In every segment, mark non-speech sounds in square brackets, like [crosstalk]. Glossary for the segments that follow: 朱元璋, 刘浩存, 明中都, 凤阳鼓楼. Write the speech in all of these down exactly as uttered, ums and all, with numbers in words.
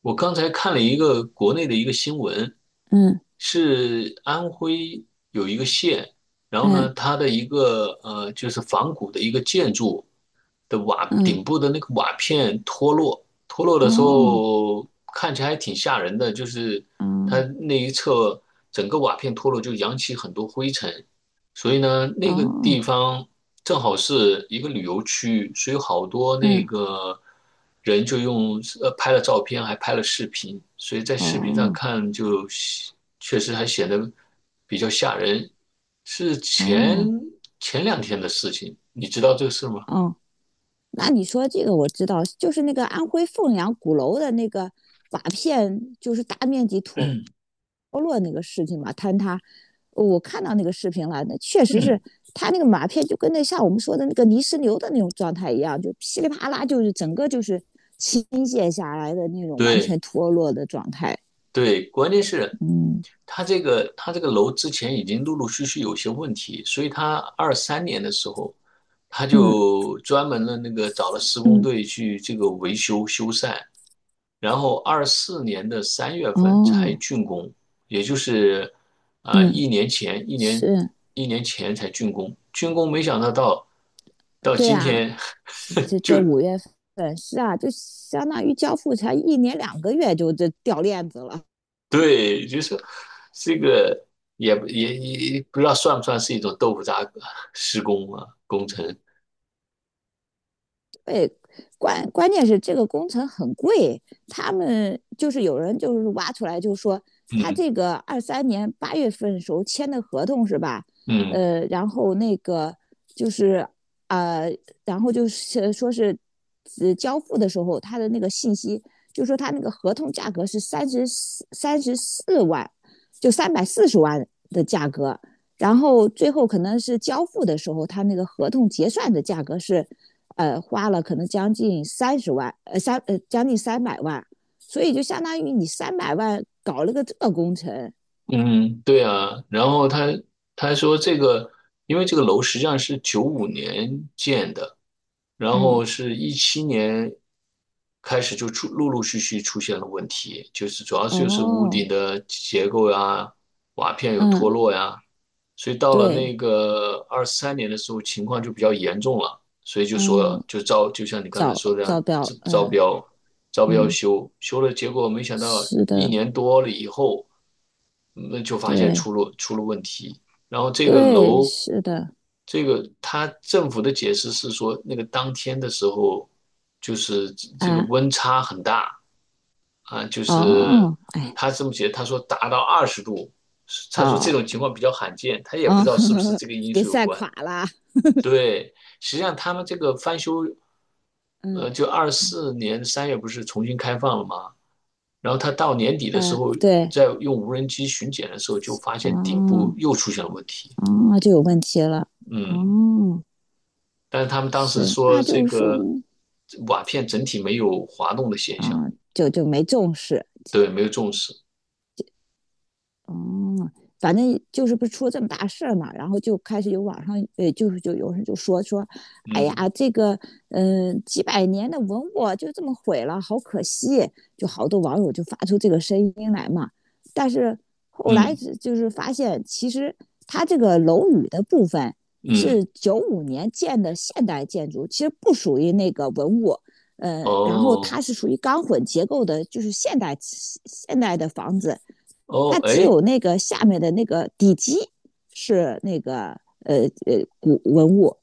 我刚才看了一个国内的一个新闻，嗯是安徽有一个县，然后嗯呢，它的一个呃，就是仿古的一个建筑的瓦嗯。顶部的那个瓦片脱落，脱落的时哦。候看起来还挺吓人的，就是它嗯，那一侧整个瓦片脱落，就扬起很多灰尘，所以呢，那个地哦。方正好是一个旅游区，所以好多那嗯，个人就用呃拍了照片，还拍了视频，所以在视频上哦看就确实还显得比较吓人。是前哦前两天的事情，你知道这个事吗？哦。那你说这个我知道，就是那个安徽凤阳鼓楼的那个瓦片，就是大面积脱落那个事情嘛，坍塌。我看到那个视频了，那确实嗯，是它那个瓦片就跟那像我们说的那个泥石流的那种状态一样，就噼里啪啦，就是整个就是倾泻下来的那种完全对，脱落的状态。对，关键是嗯他这个他这个楼之前已经陆陆续续有些问题，所以他二三年的时候，他嗯就专门的那个找了施工嗯。队去这个维修修缮，然后二四年的三月份才哦。竣工，也就是啊、呃嗯。一年前一年是，一年前才竣工，竣工没想到到到对今啊。天 是这 [laughs] 这就 五月份是啊，就相当于交付才一年两个月就这掉链子了。[laughs] 对，就是这个也也也不知道算不算是一种豆腐渣施工啊工程，对。关关键是这个工程很贵，他们就是有人就是挖出来就说他嗯这个二三年八月份时候签的合同是吧？嗯。呃，然后那个就是啊，然后就是说是呃交付的时候他的那个信息，就说他那个合同价格是三十四三十四万，就三百四十万的价格。然后最后可能是交付的时候，他那个合同结算的价格是，呃，花了可能将近三十万，呃三呃将近三百万，所以就相当于你三百万搞了个这个工程。嗯，对啊，然后他他说这个，因为这个楼实际上是九五年建的，然嗯。后是一七年开始就出陆陆续续出现了问题，就是主要就是屋哦。顶的结构呀、瓦片有脱嗯。落呀，所以到了那对。个二三年的时候情况就比较严重了，所以就说嗯。就招就像你刚才找说的这样，找表。招招嗯标。要不要嗯。修？修了，结果没想到是一的。年多了以后，嗯那就发现对出了出了问题。然后这个对。楼，是的。这个他政府的解释是说，那个当天的时候，就是这这个啊。温差很大啊，就是哦。哎。他这么解，他说达到二十度，他说这哦。种情况比较罕见，他也不知哦。道是不是 [laughs] 这个因给素有晒关。垮了。对，实际上他们这个翻修。呃，嗯就二四年三月不是重新开放了吗？然后他到年底的时嗯。候，对。在用无人机巡检的时候，就发现顶部哦。又出现了问题。啊，就有问题了。嗯，哦。但是他们当时是，说那这就是说个嗯。瓦片整体没有滑动的现象，啊，就就没重视。对，没有重视。哦，反正就是不是出了这么大事儿嘛，然后就开始有网上，呃，就是就有人就说说，哎呀，嗯这个，嗯、几百年的文物就这么毁了，好可惜，就好多网友就发出这个声音来嘛。但是后来嗯是就是发现，其实它这个楼宇的部分嗯，是九五年建的现代建筑，其实不属于那个文物。呃，然后哦它是属于钢混结构的，就是现代现代的房子。哦，它只哎有那个下面的那个底基是那个呃呃古文物。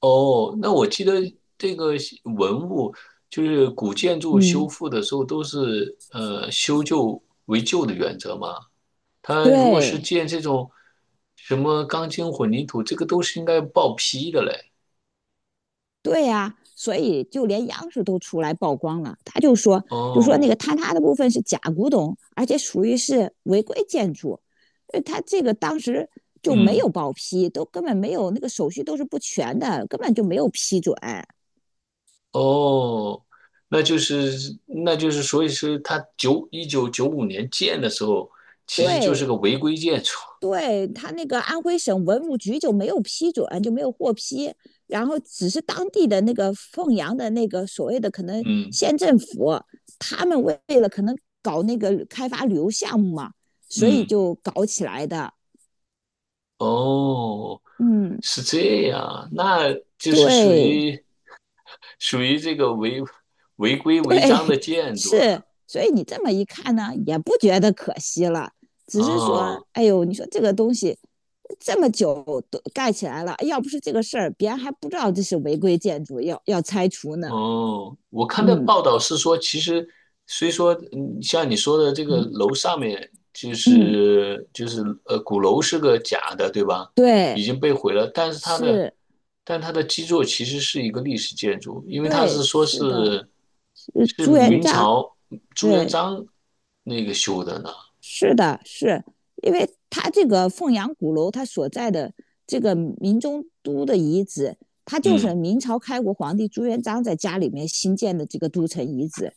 哦，那我记得这个文物就是古建筑修嗯。复的时候都是呃修旧为旧的原则吗？他如果是对。建这种什么钢筋混凝土，这个都是应该报批的嘞。对呀、啊所以就连央视都出来曝光了，他就说就说那哦，个坍塌的部分是假古董，而且属于是违规建筑，为他这个当时就没嗯，有报批，都根本没有那个手续都是不全的，根本就没有批准。哦，那就是那就是，所以说他九一九九五年建的时候，其实就是对。个违规建筑。对，他那个安徽省文物局就没有批准，就没有获批，然后只是当地的那个凤阳的那个所谓的可能嗯县政府，他们为了可能搞那个开发旅游项目嘛，所以嗯，就搞起来的。哦，嗯。是这样啊，那就是属对。于属于这个违违规 [laughs] 违对。章的建筑是。了。所以你这么一看呢，也不觉得可惜了，只是说，啊。哎呦，你说这个东西这么久都盖起来了，要不是这个事儿，别人还不知道这是违规建筑，要要拆除呢。哦，我看的嗯报道是说，其实虽说，嗯，像你说的这个嗯楼上面就嗯。是就是呃鼓楼是个假的，对吧？已对。经被毁了，但是它的是。但它的基座其实是一个历史建筑，因为它是对。说是的。是是是朱元明璋。朝朱元对。璋那个修的呢。是的。是因为它这个凤阳鼓楼，它所在的这个明中都的遗址，它就是嗯，明朝开国皇帝朱元璋在家里面新建的这个都城遗址。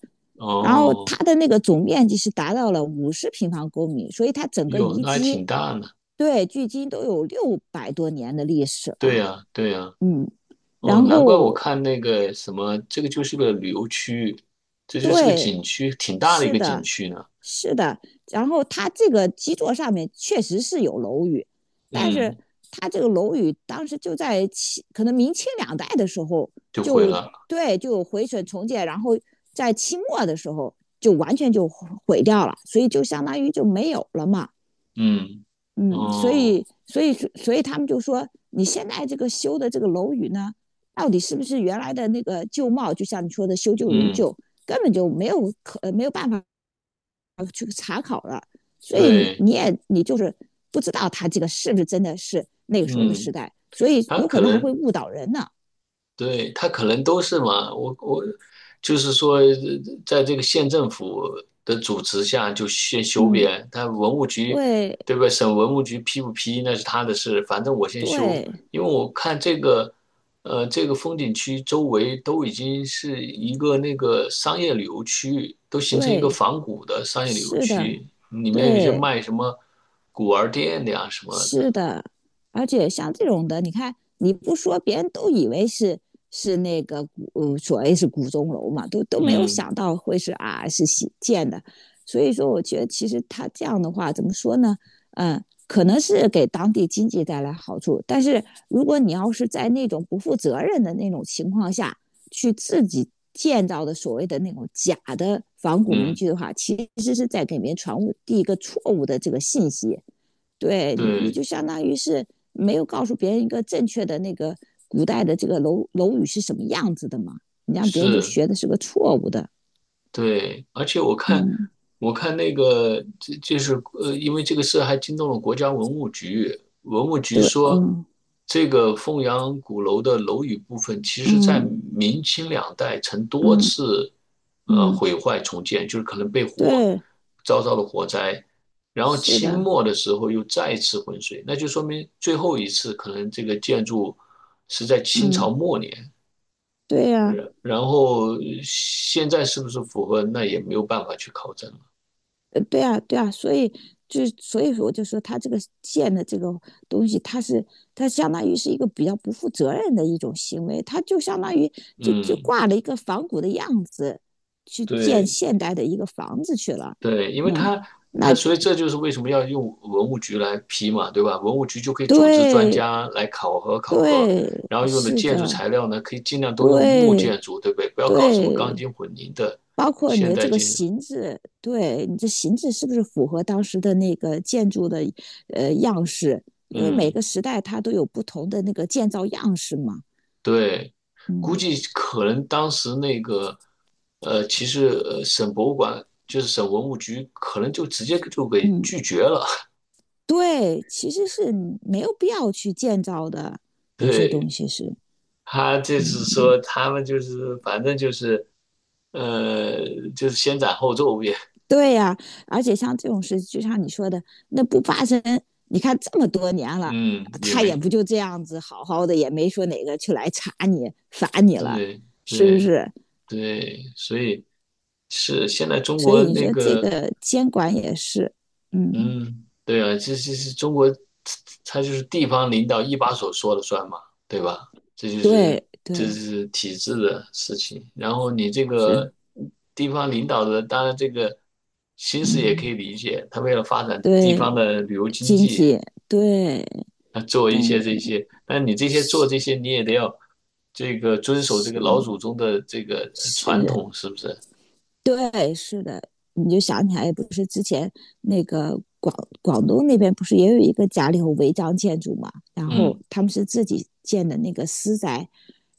然后它哦，的那个总面积是达到了五十平方公里，所以它整个哟，遗那还迹挺大呢。对距今都有六百多年的历史了。对啊。呀，对呀。嗯。哦，然难怪我后看那个什么，这个就是个旅游区域，这就是个对，景区，挺大的一是个景的，区呢。是的。然后它这个基座上面确实是有楼宇，但是嗯，它这个楼宇当时就在清，可能明清两代的时候就毁就了。对就毁损重建，然后在清末的时候就完全就毁毁掉了，所以就相当于就没有了嘛。嗯，嗯，所哦，以，所以，所以他们就说，你现在这个修的这个楼宇呢，到底是不是原来的那个旧貌？就像你说的，修旧如嗯，旧，根本就没有可呃没有办法去查考了。所以对，你也你就是不知道他这个是不是真的是那个时候的时嗯，代，所以它有可可能还会能误导人呢。对，他可能都是嘛，我我就是说，呃在这个县政府的主持下就先修嗯。边，他文物局对对吧？省文物局批不批那是他的事，反正我先修，对因为我看这个，呃，这个风景区周围都已经是一个那个商业旅游区域都形成一个对。仿古的商业旅游是的。区，里面有一些对。卖什么古玩店的呀什么的，是的，而且像这种的，你看你不说，别人都以为是是那个古呃所谓是古钟楼嘛，都都没有嗯想到会是啊是新建的。所以说，我觉得其实他这样的话，怎么说呢？嗯，可能是给当地经济带来好处，但是如果你要是在那种不负责任的那种情况下去自己建造的所谓的那种假的仿古民嗯，居的话，其实是在给别人传递一个错误的这个信息。对你，你，对，就相当于是没有告诉别人一个正确的那个古代的这个楼楼宇是什么样子的嘛，你让别人就是。学的是个错误的。对，而且我看，嗯。我看那个，这就是呃，因为这个事还惊动了国家文物局。文物局对。说，嗯这个凤阳鼓楼的楼宇部分，其实在嗯明清两代曾多嗯次呃嗯。毁坏重建，就是可能被火对。遭到了火灾，然后是清的。末的时候又再次浑水，那就说明最后一次可能这个建筑是在清朝嗯。末年。对呀、啊然然后现在是不是符合，那也没有办法去考证了。呃，对啊。对啊。所以就所以说，我就说他这个建的这个东西，他是他相当于是一个比较不负责任的一种行为，他就相当于就就嗯，挂了一个仿古的样子去建对现代的一个房子去了。对，因为嗯。他他那所以这就是为什么要用文物局来批嘛，对吧？文物局就可以组织专对。家来考核考核，对。然后用的是建筑的。材料呢，可以尽量都用木对。建筑，对不对？不要搞什么钢对。筋混凝的包括你现的这代个建筑。形制，对你这形制是不是符合当时的那个建筑的呃样式？因为每嗯。个时代它都有不同的那个建造样式嘛。对，估嗯计可能当时那个，呃，其实呃省博物馆就是省文物局，可能就直接就给嗯。拒绝了。[laughs] 对。其实是没有必要去建造的，有些东对，西是，他就是嗯，说他们就是反正就是，呃，就是先斩后奏也，对呀、而且像这种事，就像你说的，那不发生，你看这么多年 [laughs] 了，嗯，也他也没不就这样子好好的，也没说哪个去来查你罚你了，对是不对是？对，所以是现在中所国以你那说这个个监管也是，嗯，嗯，对啊，这这是中国，它就是地方领导一把手说了算嘛，对吧？这就是对这对是体制的事情。然后你这是，个地方领导的，当然这个心思也可以嗯理解，他为了发展地对方的旅游经经济，济对，他做但一些这些，但你这些做是这些，你也得要这个遵守这个老祖是宗的这个传是统，是不是？对是的，你就想起来不是之前那个广广东那边不是也有一个家里头违章建筑嘛，然后嗯，他们是自己建的那个私宅，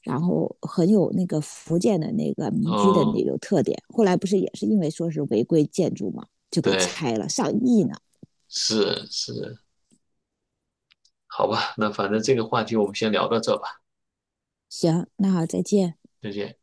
然后很有那个福建的那个民居的哦，那种特点。后来不是也是因为说是违规建筑嘛，就给对，拆了，上亿呢。是是，好吧，那反正这个话题我们先聊到这吧，行，那好，再见。再见。